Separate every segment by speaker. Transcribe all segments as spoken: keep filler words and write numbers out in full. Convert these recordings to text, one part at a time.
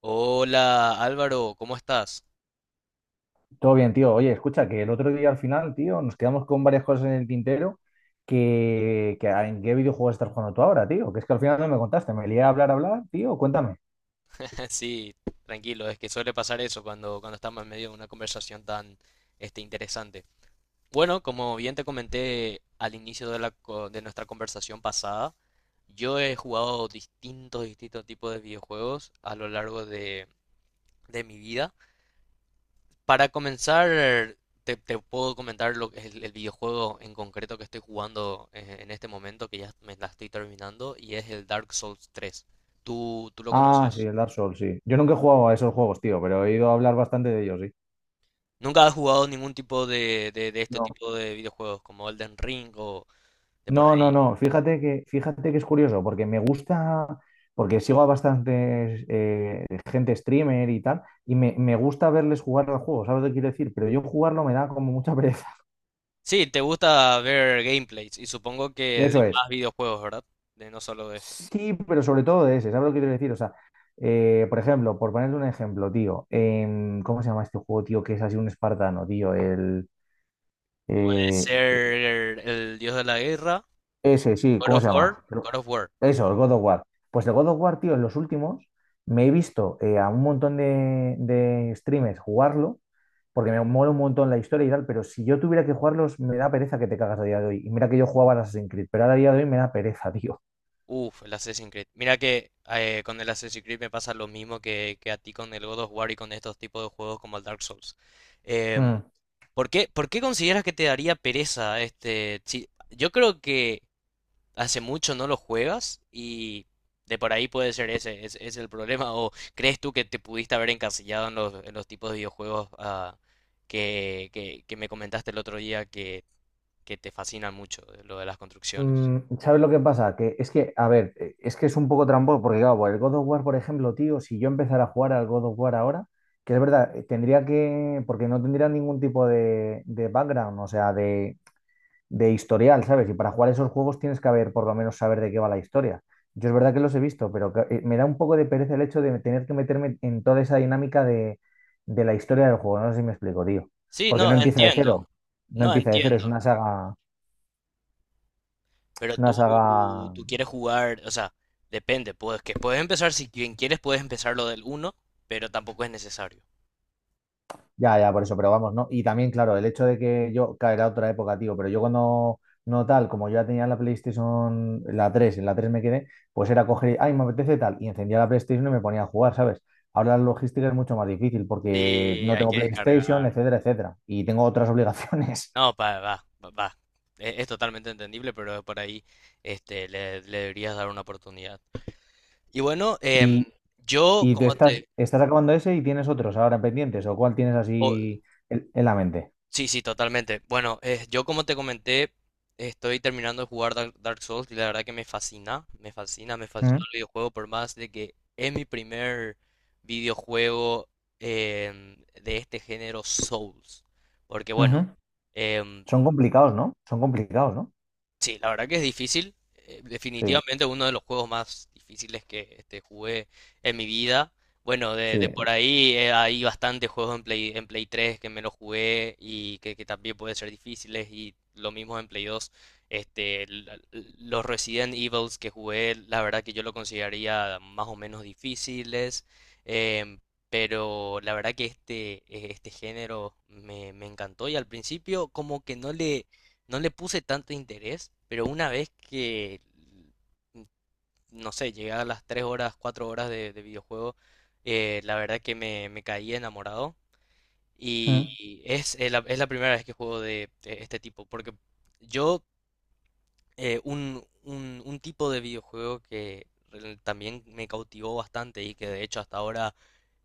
Speaker 1: Hola Álvaro, ¿cómo estás?
Speaker 2: Todo bien, tío. Oye, escucha, que el otro día al final, tío, nos quedamos con varias cosas en el tintero que, que ¿en qué videojuego estás jugando tú ahora, tío? Que es que al final no me contaste, me lié a hablar, a hablar, tío, cuéntame.
Speaker 1: Sí, tranquilo, es que suele pasar eso cuando, cuando estamos en medio de una conversación tan este, interesante. Bueno, como bien te comenté al inicio de, la, co- de nuestra conversación pasada, yo he jugado distintos, distintos tipos de videojuegos a lo largo de, de mi vida. Para comenzar, te, te puedo comentar lo que es el, el videojuego en concreto que estoy jugando eh, en este momento, que ya me la estoy terminando, y es el Dark Souls tres. ¿Tú, tú lo
Speaker 2: Ah, sí,
Speaker 1: conoces?
Speaker 2: el Dark Souls, sí. Yo nunca he jugado a esos juegos, tío, pero he ido a hablar bastante de ellos, sí.
Speaker 1: ¿Nunca has jugado ningún tipo de, de, de este
Speaker 2: No.
Speaker 1: tipo de videojuegos como Elden Ring o de por
Speaker 2: No, no,
Speaker 1: ahí?
Speaker 2: no. Fíjate que, fíjate que es curioso, porque me gusta, porque sigo a bastantes eh, gente streamer y tal, y me, me gusta verles jugar al juego, ¿sabes lo que quiero decir? Pero yo jugarlo me da como mucha pereza.
Speaker 1: Sí, te gusta ver gameplays y supongo que de
Speaker 2: Eso es.
Speaker 1: más videojuegos, ¿verdad? De no solo de esto.
Speaker 2: Sí, pero sobre todo de ese, ¿sabes lo que quiero decir? O sea, eh, por ejemplo, por ponerle un ejemplo, tío, em, ¿cómo se llama este juego, tío, que es así un espartano, tío? El,
Speaker 1: Puede
Speaker 2: eh,
Speaker 1: ser el Dios de la Guerra,
Speaker 2: Ese, sí,
Speaker 1: God
Speaker 2: ¿cómo
Speaker 1: of
Speaker 2: se llama?
Speaker 1: War,
Speaker 2: Pero...
Speaker 1: God of War.
Speaker 2: Eso, el God of War. Pues el God of War, tío, en los últimos me he visto eh, a un montón de, de streamers jugarlo, porque me mola un montón la historia y tal, pero si yo tuviera que jugarlos, me da pereza que te cagas a día de hoy. Y mira que yo jugaba al Assassin's Creed, pero ahora a día de hoy me da pereza, tío.
Speaker 1: Uf, el Assassin's Creed. Mira que eh, con el Assassin's Creed me pasa lo mismo que, que a ti con el God of War y con estos tipos de juegos como el Dark Souls. Em,
Speaker 2: Mm.
Speaker 1: ¿por qué, por qué consideras que te daría pereza este? Si- yo creo que hace mucho no lo juegas y de por ahí puede ser ese, es, es el problema. ¿O crees tú que te pudiste haber encasillado en los, en los tipos de videojuegos ah, que, que, que me comentaste el otro día que, que te fascinan mucho, de lo de las construcciones?
Speaker 2: Mm, ¿sabes lo que pasa? Que es que, a ver, eh, es que es un poco tramposo, porque claro, el God of War, por ejemplo, tío, si yo empezara a jugar al God of War ahora, que es verdad, eh, tendría que, porque no tendría ningún tipo de, de background, o sea, de, de historial, ¿sabes? Y para jugar esos juegos tienes que haber, por lo menos, saber de qué va la historia. Yo es verdad que los he visto, pero que... eh, me da un poco de pereza el hecho de tener que meterme en toda esa dinámica de, de la historia del juego, no sé si me explico, tío.
Speaker 1: Sí,
Speaker 2: Porque no
Speaker 1: no,
Speaker 2: empieza de
Speaker 1: entiendo.
Speaker 2: cero, no
Speaker 1: No
Speaker 2: empieza de cero,
Speaker 1: entiendo.
Speaker 2: es una saga,
Speaker 1: Pero
Speaker 2: es una
Speaker 1: tú,
Speaker 2: saga.
Speaker 1: tú quieres jugar, o sea, depende, puedes, que puedes empezar, si quien quieres puedes empezar lo del uno, pero tampoco es necesario.
Speaker 2: Ya, ya, por eso, pero vamos, ¿no? Y también, claro, el hecho de que yo caerá otra época, tío, pero yo cuando no tal, como yo ya tenía la PlayStation, la tres en la tres me quedé, pues era coger, y, ay, me apetece tal, y encendía la PlayStation y me ponía a jugar, ¿sabes? Ahora la logística es mucho más difícil porque
Speaker 1: Sí,
Speaker 2: no
Speaker 1: hay
Speaker 2: tengo
Speaker 1: que
Speaker 2: PlayStation,
Speaker 1: descargar.
Speaker 2: etcétera, etcétera, y tengo otras obligaciones.
Speaker 1: No, pa- va, va, va. Es, es totalmente entendible, pero por ahí este, le, le deberías dar una oportunidad. Y bueno, em,
Speaker 2: Y,
Speaker 1: yo
Speaker 2: y tú
Speaker 1: como
Speaker 2: estás,
Speaker 1: te...
Speaker 2: estás acabando ese y tienes otros ahora pendientes, o cuál tienes
Speaker 1: o-
Speaker 2: así en, en la mente.
Speaker 1: sí, sí, totalmente. Bueno, eh, yo como te comenté, estoy terminando de jugar Dark, Dark Souls y la verdad que me fascina, me fascina, me fascinó
Speaker 2: Ujú,
Speaker 1: el videojuego por más de que es mi primer videojuego em, de este género Souls. Porque bueno,
Speaker 2: ujú.
Speaker 1: em,
Speaker 2: Son complicados, ¿no? Son complicados, ¿no?
Speaker 1: sí, la verdad que es difícil. eh,
Speaker 2: Sí,
Speaker 1: Definitivamente uno de los juegos más difíciles que este, jugué en mi vida. Bueno, de,
Speaker 2: sí.
Speaker 1: de sí, por ahí eh, hay bastantes juegos en Play, en Play tres que me los jugué y que, que también pueden ser difíciles. Y lo mismo en Play dos. Este, la- los Resident Evils que jugué, la verdad que yo lo consideraría más o menos difíciles. em, pero la verdad que este, eh, este género me, me encantó y al principio como que no le no le puse tanto interés, pero una vez que, no sé, llegué a las tres horas, cuatro horas de, de videojuego, eh, la verdad que me, me caí enamorado.
Speaker 2: Ujú,
Speaker 1: Y es, eh, la, es la primera vez que juego de, de este tipo, porque yo eh, un, un, un tipo de videojuego que re- también me cautivó bastante y que de hecho hasta ahora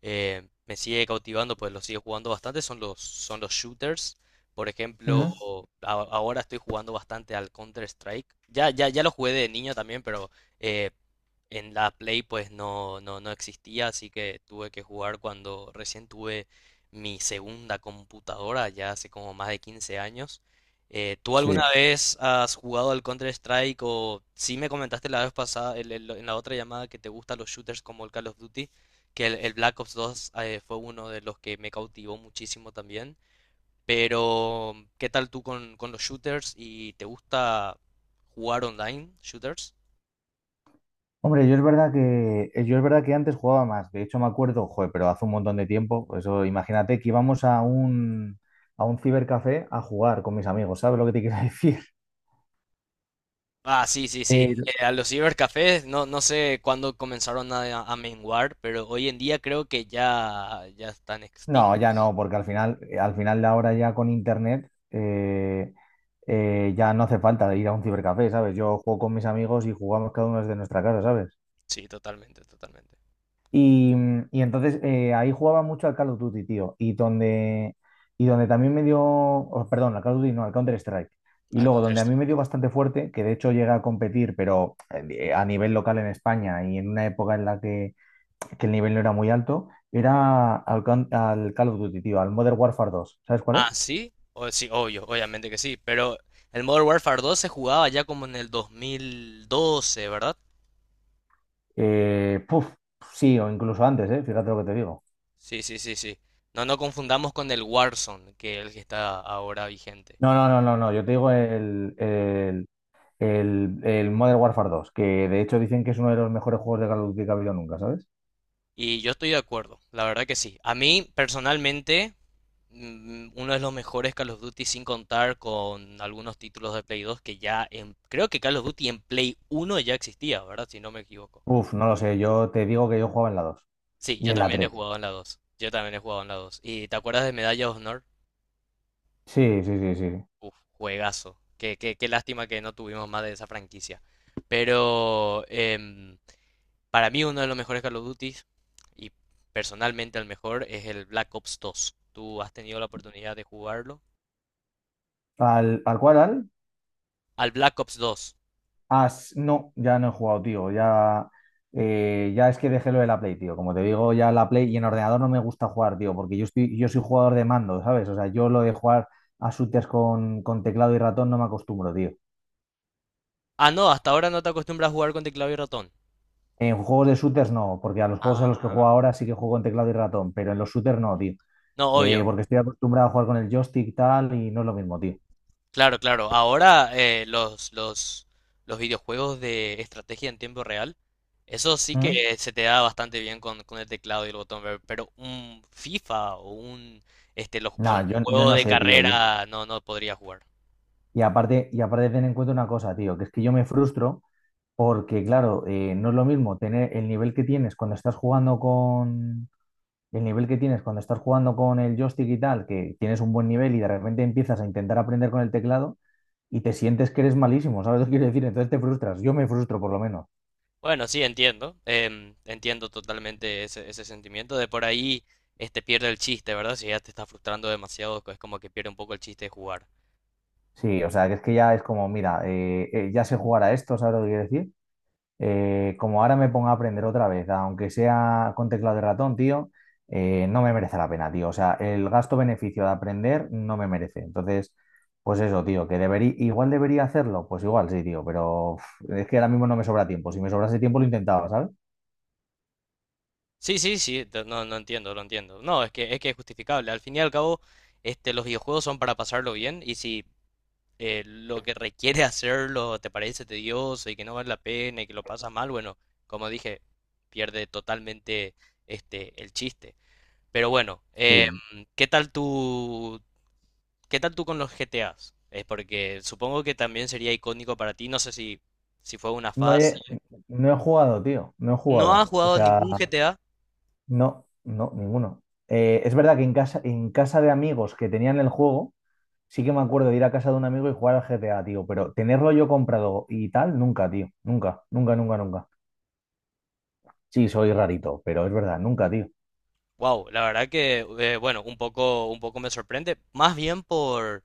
Speaker 1: eh, me sigue cautivando, pues lo sigo jugando bastante, son los, son los shooters. Por ejemplo,
Speaker 2: ujú.
Speaker 1: a- ahora estoy jugando bastante al Counter-Strike. Ya, ya, ya lo jugué de niño también, pero eh, en la Play pues no, no, no existía, así que tuve que jugar cuando recién tuve mi segunda computadora, ya hace como más de quince años. Eh, ¿tú alguna
Speaker 2: Sí.
Speaker 1: vez has jugado al Counter-Strike o sí me comentaste la vez pasada, el- el- en la otra llamada, que te gustan los shooters como el Call of Duty, que el, el Black Ops dos eh, fue uno de los que me cautivó muchísimo también, pero ¿qué tal tú con, con los shooters y te gusta jugar online, shooters?
Speaker 2: Hombre, yo es verdad que, eh, yo es verdad que antes jugaba más. De hecho, me acuerdo, joder, pero hace un montón de tiempo. Eso, imagínate que íbamos a un, a un cibercafé a jugar con mis amigos. ¿Sabes lo que te quiero decir?
Speaker 1: Ah, sí, sí,
Speaker 2: Eh,
Speaker 1: sí. Eh, a los cibercafés no, no sé cuándo comenzaron a, a menguar, pero hoy en día creo que ya, ya están
Speaker 2: no, ya
Speaker 1: extintos.
Speaker 2: no, porque al final, eh, al final de ahora ya con internet eh, eh, ya no hace falta ir a un cibercafé, ¿sabes? Yo juego con mis amigos y jugamos cada uno desde nuestra casa, ¿sabes?
Speaker 1: Sí, totalmente, totalmente.
Speaker 2: Y, y entonces eh, ahí jugaba mucho al Call of Duty, tío. Y donde, y donde también me dio, oh, perdón, al Call of Duty, no, al Counter-Strike. Y
Speaker 1: Al
Speaker 2: luego donde a
Speaker 1: contrario.
Speaker 2: mí me dio bastante fuerte, que de hecho llega a competir, pero eh, a nivel local en España y en una época en la que, que el nivel no era muy alto, era al, Coun- al Call of Duty, tío, al Modern Warfare dos. ¿Sabes cuál
Speaker 1: Ah,
Speaker 2: es?
Speaker 1: sí, o, sí, obvio, obviamente que sí, pero el Modern Warfare dos se jugaba ya como en el dos mil doce, ¿verdad?
Speaker 2: Eh, puf, sí, o incluso antes, eh, fíjate lo que te digo.
Speaker 1: Sí, sí, sí, sí. No nos confundamos con el Warzone, que es el que está ahora vigente.
Speaker 2: No, no, no, no, no. Yo te digo el, el El, el Modern Warfare dos, que de hecho dicen que es uno de los mejores juegos de Call of Duty que ha habido nunca, ¿sabes?
Speaker 1: Y yo estoy de acuerdo, la verdad que sí. A mí, personalmente, mm, uno de los mejores Call of Duty sin contar con algunos títulos de Play dos que ya en, creo que Call of Duty en Play uno ya existía, ¿verdad? Si no me equivoco.
Speaker 2: Uf, no lo sé, yo te digo que yo jugaba en la dos
Speaker 1: Sí,
Speaker 2: y
Speaker 1: yo
Speaker 2: en la
Speaker 1: también he
Speaker 2: tres.
Speaker 1: jugado en la dos. Yo también he jugado en la dos. ¿Y te acuerdas de Medalla de Honor?
Speaker 2: Sí, sí, sí, sí.
Speaker 1: Uf, juegazo. Qué, qué, qué lástima que no tuvimos más de esa franquicia. Pero em, para mí uno de los mejores Call of Duty y personalmente el mejor es el Black Ops dos. ¿Tú has tenido la oportunidad de jugarlo?
Speaker 2: ¿Al, al cual, al?
Speaker 1: ¿Al Black Ops dos?
Speaker 2: Ah, s- no, ya no he jugado, tío. Ya, eh, ya es que dejé lo de la Play, tío. Como te digo, ya la Play y en ordenador no me gusta jugar, tío, porque yo estoy, yo soy jugador de mando, ¿sabes? O sea, yo lo de jugar a shooters con, con teclado y ratón no me acostumbro, tío.
Speaker 1: Ah, no, hasta ahora no te acostumbras a jugar con teclado y ratón.
Speaker 2: En juegos de shooters no, porque a los juegos
Speaker 1: Ah,
Speaker 2: a los que juego ahora sí que juego en teclado y ratón, pero en los shooters no, tío.
Speaker 1: no,
Speaker 2: Eh,
Speaker 1: obvio.
Speaker 2: porque estoy acostumbrado a jugar con el joystick y tal, y no es lo mismo, tío.
Speaker 1: Claro, claro. Ahora eh, los, los, los videojuegos de estrategia en tiempo real, eso sí
Speaker 2: ¿Mm?
Speaker 1: que se te da bastante bien con, con el teclado y el botón, ver- pero un FIFA o un, este, los-
Speaker 2: Nada,
Speaker 1: un
Speaker 2: yo, yo
Speaker 1: juego
Speaker 2: no
Speaker 1: de
Speaker 2: sé, tío. Y,
Speaker 1: carrera no, no podría jugar.
Speaker 2: y aparte, y aparte ten en cuenta una cosa, tío, que es que yo me frustro porque, claro, eh, no es lo mismo tener el nivel que tienes cuando estás jugando con el nivel que tienes cuando estás jugando con el joystick y tal, que tienes un buen nivel y de repente empiezas a intentar aprender con el teclado y te sientes que eres malísimo, ¿sabes lo que quiero decir? Entonces te frustras. Yo me frustro por lo menos.
Speaker 1: Bueno, sí, entiendo. Em, entiendo totalmente ese, ese sentimiento. De por ahí este pierde el chiste, ¿verdad? Si ya te está frustrando demasiado, es como que pierde un poco el chiste de jugar.
Speaker 2: Sí, o sea, que es que ya es como, mira, eh, eh, ya sé jugar a esto, ¿sabes lo que quiero decir? Eh, como ahora me ponga a aprender otra vez, aunque sea con teclado de ratón, tío, eh, no me merece la pena, tío. O sea, el gasto-beneficio de aprender no me merece. Entonces, pues eso, tío, que debería, igual debería hacerlo, pues igual sí, tío, pero uf, es que ahora mismo no me sobra tiempo. Si me sobrase tiempo lo intentaba, ¿sabes?
Speaker 1: Sí, sí, sí, te- no, no entiendo, lo entiendo. No, es que, es que es justificable. Al fin y al cabo, este, los videojuegos son para pasarlo bien y si eh, lo que requiere hacerlo te parece tedioso y que no vale la pena y que lo pasas mal, bueno, como dije, pierde totalmente este, el chiste. Pero bueno, eh,
Speaker 2: Sí.
Speaker 1: ¿qué tal tú, ¿qué tal tú con los G T As? Es porque supongo que también sería icónico para ti, no sé si, si fue una
Speaker 2: No
Speaker 1: fase.
Speaker 2: he, no he jugado, tío, no he
Speaker 1: ¿No
Speaker 2: jugado.
Speaker 1: has
Speaker 2: O
Speaker 1: jugado
Speaker 2: sea,
Speaker 1: ningún G T A?
Speaker 2: no, no, ninguno. Eh, es verdad que en casa, en casa de amigos que tenían el juego, sí que me acuerdo de ir a casa de un amigo y jugar al G T A, tío, pero tenerlo yo comprado y tal, nunca, tío. Nunca, nunca, nunca, nunca. Sí, soy rarito, pero es verdad, nunca, tío.
Speaker 1: Wow, la verdad que, eh, bueno, un poco, un poco me sorprende, más bien por,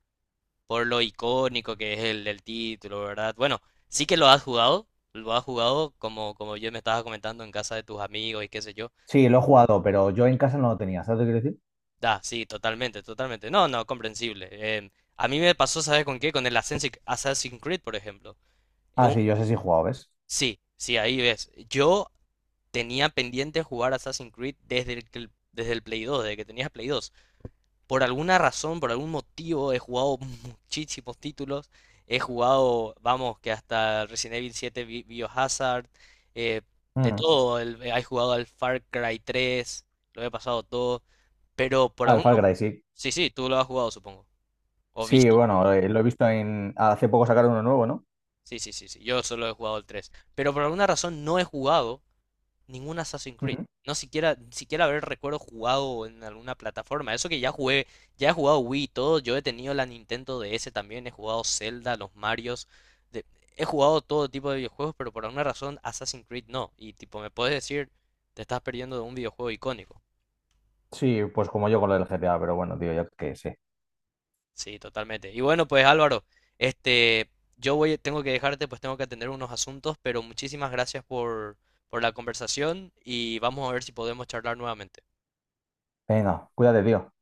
Speaker 1: por lo icónico que es el, el título, ¿verdad? Bueno, sí que lo has jugado, lo has jugado como, como yo me estaba comentando en casa de tus amigos y qué sé yo.
Speaker 2: Sí, lo he jugado, pero yo en casa no lo tenía, ¿sabes lo que quiero decir?
Speaker 1: Da, sí, totalmente, totalmente. No, no, comprensible. Em, a mí me pasó, ¿sabes con qué? Con el Assassin's Assassin's Creed, por ejemplo. Es
Speaker 2: Ah,
Speaker 1: un-
Speaker 2: sí, yo sé si he jugado, ¿ves?
Speaker 1: sí, sí, ahí ves. Yo tenía pendiente jugar Assassin's Creed desde el, que- desde el Play dos, desde que tenías Play dos. Por alguna razón, por algún motivo, he jugado muchísimos títulos. He jugado, vamos, que hasta Resident Evil siete, Bi- Biohazard, eh, de
Speaker 2: Mm.
Speaker 1: todo. El, he jugado al Far Cry tres, lo he pasado todo. Pero por
Speaker 2: Al
Speaker 1: alguno...
Speaker 2: Far Cry, sí.
Speaker 1: Sí, sí, tú lo has jugado, supongo. O
Speaker 2: Sí,
Speaker 1: visto.
Speaker 2: bueno, eh, lo he visto en... Hace poco sacaron uno nuevo, ¿no?
Speaker 1: Sí, sí, sí, sí. Yo solo he jugado el tres. Pero por alguna razón no he jugado ningún Assassin's Creed.
Speaker 2: Ujú.
Speaker 1: No siquiera, ni siquiera haber recuerdo jugado en alguna plataforma. Eso que ya jugué, ya he jugado Wii y todo. Yo he tenido la Nintendo D S también, he jugado Zelda, los Marios. de- He jugado todo tipo de videojuegos, pero por alguna razón Assassin's Creed no. Y tipo, me puedes decir, te estás perdiendo de un videojuego icónico.
Speaker 2: Sí, pues como yo con lo del G T A, pero bueno, tío, ya que sé.
Speaker 1: Sí, totalmente. Y bueno, pues Álvaro, este, yo voy, tengo que dejarte, pues tengo que atender unos asuntos, pero muchísimas gracias por, por la conversación y vamos a ver si podemos charlar nuevamente.
Speaker 2: Venga, cuídate, tío.